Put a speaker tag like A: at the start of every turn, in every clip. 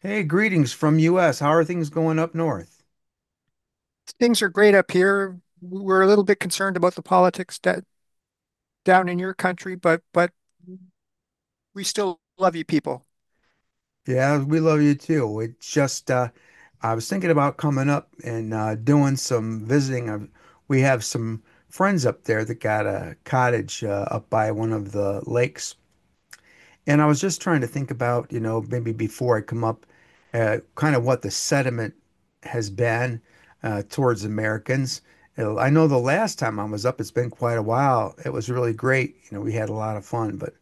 A: Hey, greetings from US. How are things going up north?
B: Things are great up here. We're a little bit concerned about the politics down in your country, but we still love you people.
A: Yeah, we love you too. It just I was thinking about coming up and doing some visiting. We have some friends up there that got a cottage up by one of the lakes. And I was just trying to think about, you know, maybe before I come up, kind of what the sentiment has been towards Americans. I know the last time I was up, it's been quite a while. It was really great. You know, we had a lot of fun. But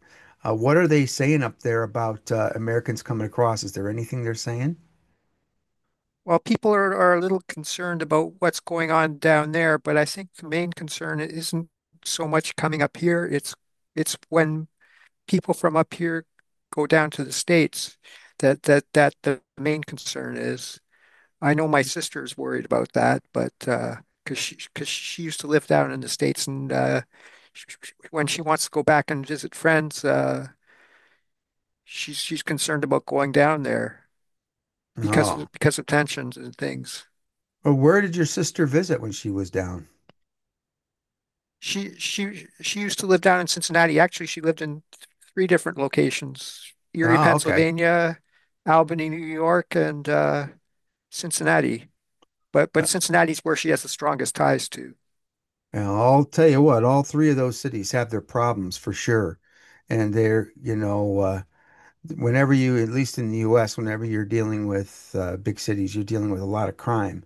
A: what are they saying up there about Americans coming across? Is there anything they're saying?
B: Well, people are a little concerned about what's going on down there, but I think the main concern isn't so much coming up here. It's when people from up here go down to the States that the main concern is. I know my sister is worried about that, but because she used to live down in the States, and when she wants to go back and visit friends, she's concerned about going down there because
A: Oh.
B: of because of tensions and things.
A: Well, where did your sister visit when she was down?
B: She used to live down in Cincinnati. Actually, she lived in three different locations: Erie,
A: Oh, okay.
B: Pennsylvania, Albany, New York, and Cincinnati. But
A: Uh,
B: Cincinnati's where she has the strongest ties to.
A: well, I'll tell you what, all three of those cities have their problems for sure. And they're, you know, whenever you, at least in the US, whenever you're dealing with big cities, you're dealing with a lot of crime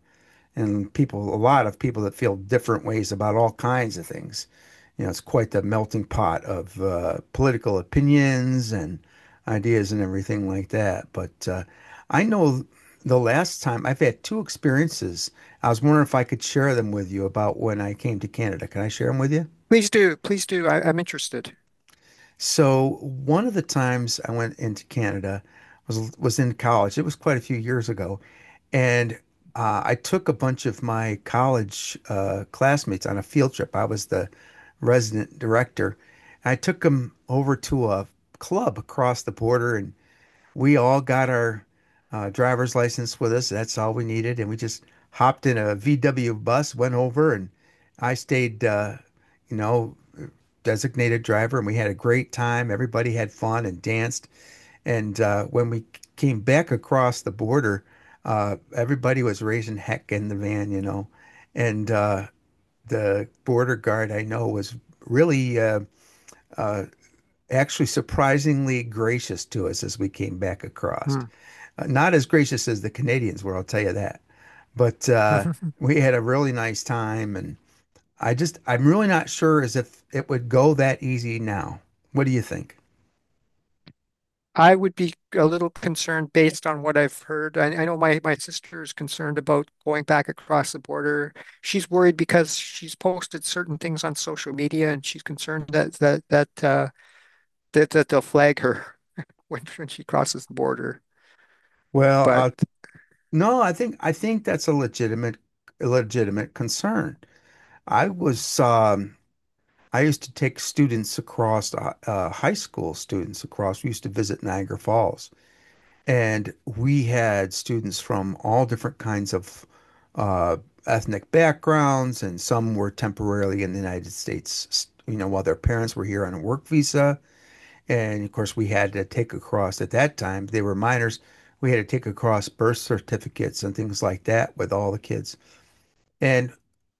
A: and people, a lot of people that feel different ways about all kinds of things. You know, it's quite the melting pot of political opinions and ideas and everything like that. But I know the last time I've had two experiences. I was wondering if I could share them with you about when I came to Canada. Can I share them with you?
B: Please do, please do. I'm interested.
A: So one of the times I went into Canada was in college. It was quite a few years ago, and I took a bunch of my college classmates on a field trip. I was the resident director. I took them over to a club across the border, and we all got our driver's license with us. That's all we needed, and we just hopped in a VW bus, went over, and I stayed, you know designated driver, and we had a great time. Everybody had fun and danced. And when we came back across the border, everybody was raising heck in the van, you know. And the border guard I know was really uh, actually surprisingly gracious to us as we came back across.
B: Hmm.
A: Not as gracious as the Canadians were, I'll tell you that. But
B: Mhm.
A: we had a really nice time and I'm really not sure as if it would go that easy now. What do you think?
B: I would be a little concerned based on what I've heard. I know my sister is concerned about going back across the border. She's worried because she's posted certain things on social media and she's concerned that they'll flag her when she crosses the border.
A: Well,
B: But
A: I No, I think that's a legitimate concern. I was I used to take students across high school students across. We used to visit Niagara Falls, and we had students from all different kinds of uh, ethnic backgrounds, and some were temporarily in the United States, you know, while their parents were here on a work visa. And of course, we had to take across at that time, they were minors. We had to take across birth certificates and things like that with all the kids. And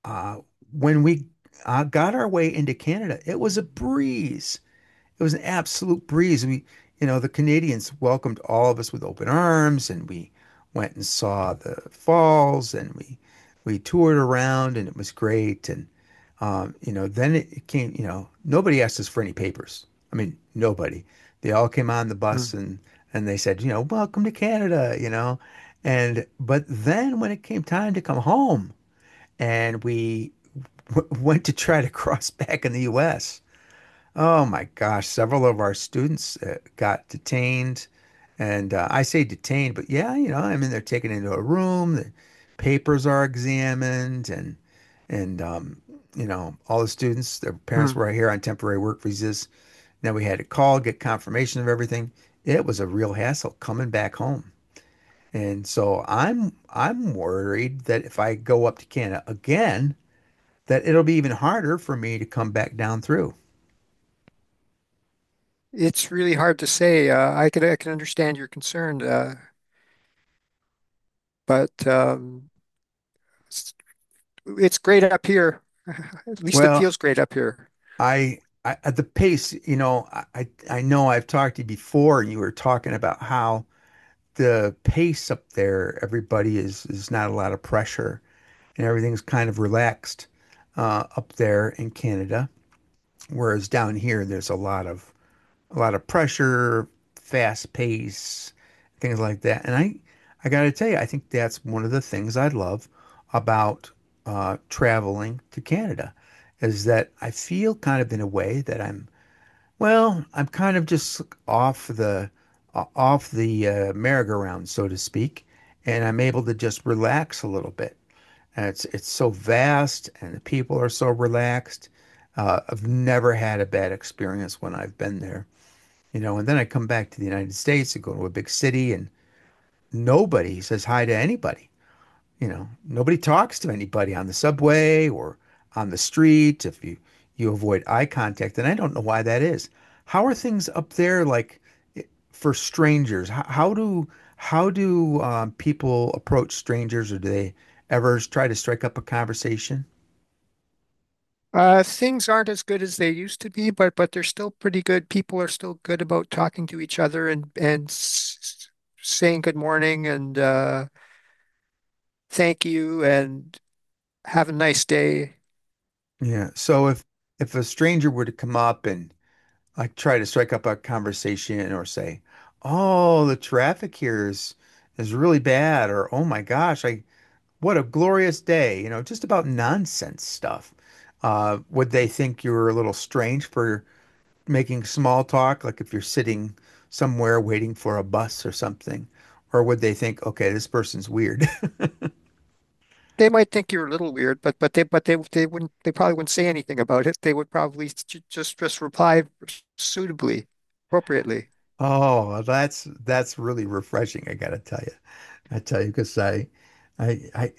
A: uh, when we got our way into Canada, it was a breeze it was an absolute breeze. We, you know, the Canadians welcomed all of us with open arms, and we went and saw the falls, and we toured around, and it was great. And you know, then it came. You know, nobody asked us for any papers. I mean, nobody. They all came on the bus
B: hmm,
A: and they said, you know, welcome to Canada. You know, and but then when it came time to come home, and we w- went to try to cross back in the U.S. Oh my gosh, several of our students got detained. And I say detained, but yeah, you know, I mean, they're taken into a room, the papers are examined, and, and, um, you know, all the students, their parents
B: hmm.
A: were here on temporary work visas. Then we had to call, get confirmation of everything. It was a real hassle coming back home. And so I'm worried that if I go up to Canada again, that it'll be even harder for me to come back down through.
B: It's really hard to say. I can understand your concern, but it's, it's great up here. At least it
A: Well,
B: feels great up here.
A: I, I at the pace, you know, I know I've talked to you before, and you were talking about how the pace up there, everybody is not a lot of pressure, and everything's kind of relaxed up there in Canada, whereas down here there's a lot of pressure, fast pace, things like that. And I gotta tell you, I think that's one of the things I love about traveling to Canada, is that I feel kind of in a way that I'm kind of just off the off the merry-go-round, so to speak, and I'm able to just relax a little bit. And it's so vast, and the people are so relaxed. I've never had a bad experience when I've been there, you know. And then I come back to the United States and go to a big city, and nobody says hi to anybody. You know, nobody talks to anybody on the subway or on the street if you avoid eye contact, and I don't know why that is. How are things up there like for strangers? How do people approach strangers, or do they ever try to strike up a conversation?
B: Things aren't as good as they used to be, but they're still pretty good. People are still good about talking to each other and saying good morning and thank you and have a nice day.
A: Yeah. So if a stranger were to come up and like try to strike up a conversation or say, "Oh, the traffic here is really bad," or "Oh my gosh, I what a glorious day," you know, just about nonsense stuff. Would they think you were a little strange for making small talk, like if you're sitting somewhere waiting for a bus or something? Or would they think, okay, this person's weird?
B: They might think you're a little weird, but they wouldn't they probably wouldn't say anything about it. They would probably just reply suitably, appropriately.
A: Oh, well, that's really refreshing, I gotta tell you. I tell you, because I, I,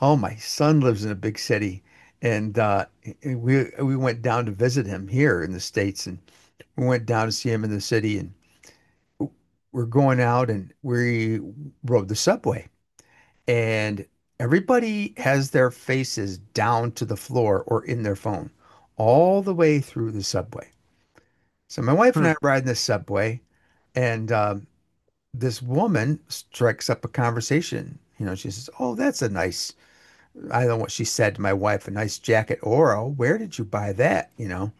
A: oh, my son lives in a big city, and we went down to visit him here in the States, and we went down to see him in the city, and we're going out and we rode the subway and everybody has their faces down to the floor or in their phone all the way through the subway. So my wife and I are
B: Hmm.
A: riding the subway and this woman strikes up a conversation. You know, she says, "Oh, that's a nice," I don't know what she said to my wife, "a nice jacket. Oro, where did you buy that?" You know?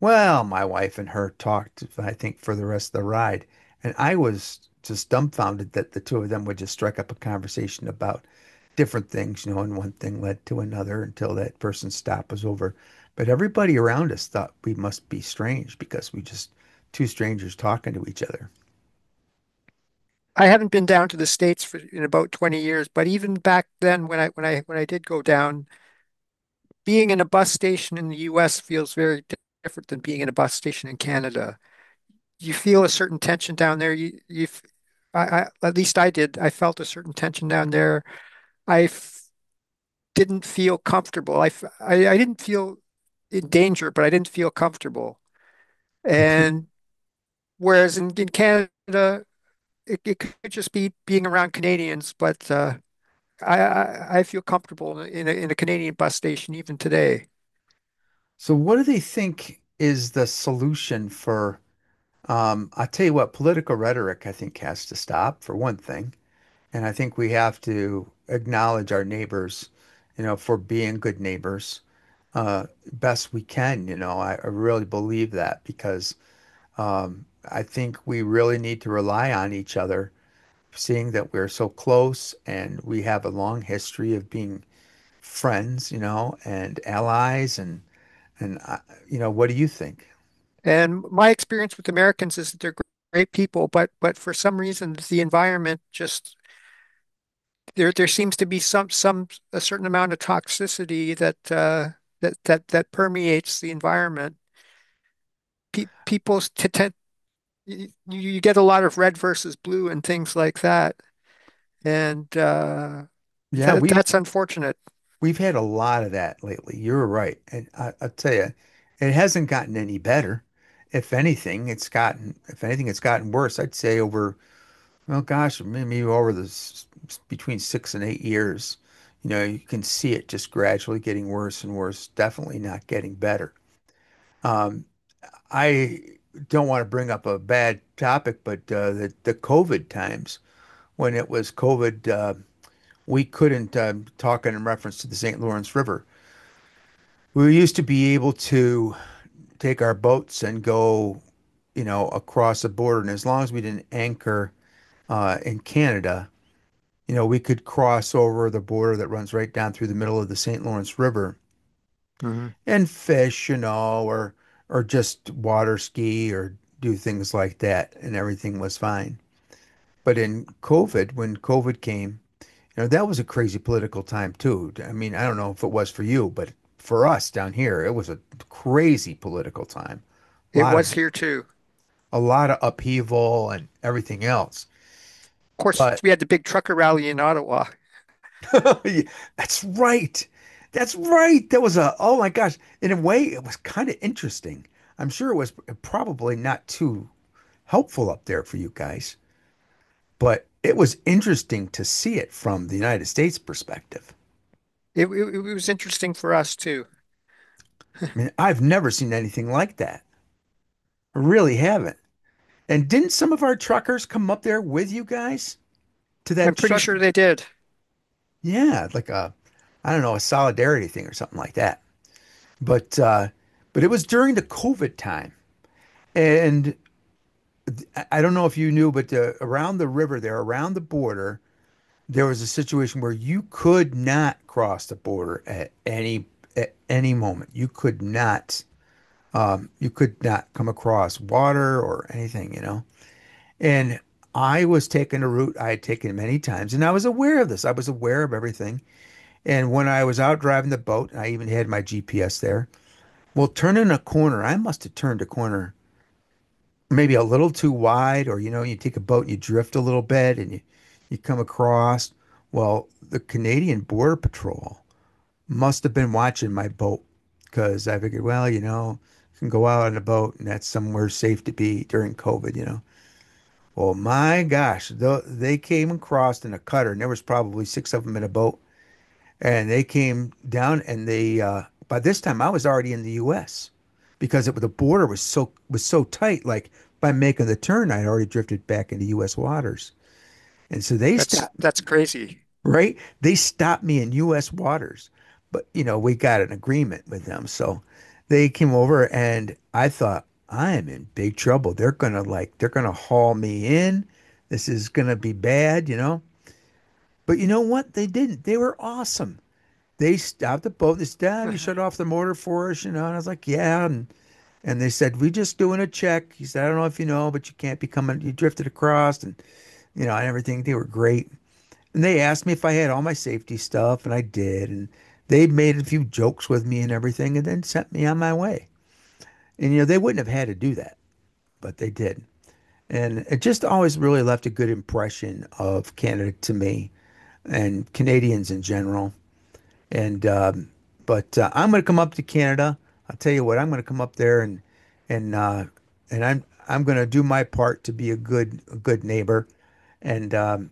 A: Well, my wife and her talked, I think, for the rest of the ride. And I was just dumbfounded that the two of them would just strike up a conversation about different things, you know, and one thing led to another until that person's stop was over. But everybody around us thought we must be strange because we just two strangers talking to each other.
B: I haven't been down to the States for in about 20 years, but even back then when I did go down. Being in a bus station in the US feels very different than being in a bus station in Canada. You feel a certain tension down there. You, f- I, at least I did. I felt a certain tension down there. I f didn't feel comfortable. I didn't feel in danger, but I didn't feel comfortable. And whereas in Canada, it could just be being around Canadians, but I feel comfortable in in a Canadian bus station even today.
A: So, what do they think is the solution for? I'll tell you what, political rhetoric, I think, has to stop for one thing. And I think we have to acknowledge our neighbors, you know, for being good neighbors, uh, best we can. You know, I really believe that because um, I think we really need to rely on each other, seeing that we're so close and we have a long history of being friends, you know, and allies and you know, what do you think?
B: And my experience with Americans is that they're great people, but for some reason the environment just there seems to be some a certain amount of toxicity that that permeates the environment. Pe People t tend you get a lot of red versus blue and things like that, and
A: Yeah, we.
B: that's unfortunate.
A: We've had a lot of that lately. You're right. And I'll tell you, it hasn't gotten any better. If anything, if anything, it's gotten worse. I'd say over, well, gosh, maybe over the between six and eight years, you know, you can see it just gradually getting worse and worse, definitely not getting better. Um, I don't want to bring up a bad topic, but the COVID times when it was COVID, we couldn't talk in reference to the St. Lawrence River. We used to be able to take our boats and go, you know, across the border. And as long as we didn't anchor in Canada, you know, we could cross over the border that runs right down through the middle of the St. Lawrence River
B: Mhm.
A: and fish, you know, or just water ski or do things like that, and everything was fine. But in COVID, when COVID came, you know, that was a crazy political time too. I mean, I don't know if it was for you, but for us down here, it was a crazy political time. a
B: It
A: lot of
B: was here too.
A: a lot of upheaval and everything else.
B: Of course,
A: But
B: we had the big trucker rally in Ottawa.
A: that's right. That's right. That was a oh my gosh. In a way, it was kind of interesting. I'm sure it was probably not too helpful up there for you guys, but it was interesting to see it from the United States perspective.
B: It was interesting for us too.
A: I mean, I've never seen anything like that. I really haven't. And didn't some of our truckers come up there with you guys to
B: I'm
A: that
B: pretty
A: truck?
B: sure they did.
A: Yeah, like a, I don't know, a solidarity thing or something like that. But uh, but it was during the COVID time, and don't know if you knew, but around the river there, around the border, there was a situation where you could not cross the border at any moment. You could not come across water or anything, you know. And I was taking a route I had taken many times, and I was aware of this. I was aware of everything. And when I was out driving the boat, I even had my GPS there. Well, turning a corner, I must have turned a corner maybe a little too wide, or you know, you take a boat and you drift a little bit and you come across. Well, the Canadian Border Patrol must have been watching my boat because I figured, well, you know, I can go out on a boat and that's somewhere safe to be during COVID, you know. Well, my gosh, they came across in a cutter, and there was probably six of them in a boat, and they came down and they by this time I was already in the US because the border was so tight, like by making the turn I'd already drifted back into US waters. And so they stopped,
B: That's crazy.
A: right? They stopped me in US waters. But you know, we got an agreement with them. So they came over and I thought I am in big trouble. They're gonna they're gonna haul me in. This is gonna be bad, you know. But you know what? They didn't. They were awesome. They stopped the boat. They said, "Damn, you shut off the motor for us," you know. And I was like, "Yeah." And they said, "We're just doing a check." He said, "I don't know if you know, but you can't be coming. You drifted across, and you know, and everything. They were great." And they asked me if I had all my safety stuff, and I did. And they made a few jokes with me and everything, and then sent me on my way. And you know, they wouldn't have had to do that, but they did. And it just always really left a good impression of Canada to me and Canadians in general. And but I'm going to come up to Canada. I'll tell you what, I'm going to come up there and and uh, and I'm going to do my part to be a good neighbor. And um,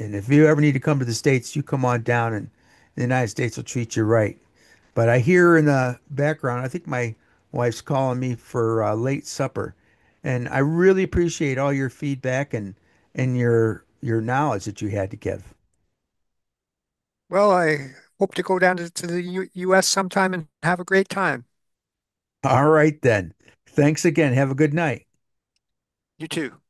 A: and if you ever need to come to the states, you come on down, and the United States will treat you right. But I hear in the background, I think my wife's calling me for late supper, and I really appreciate all your feedback and your knowledge that you had to give.
B: Well, I hope to go down to the U US sometime and have a great time.
A: All right then. Thanks again. Have a good night.
B: You too.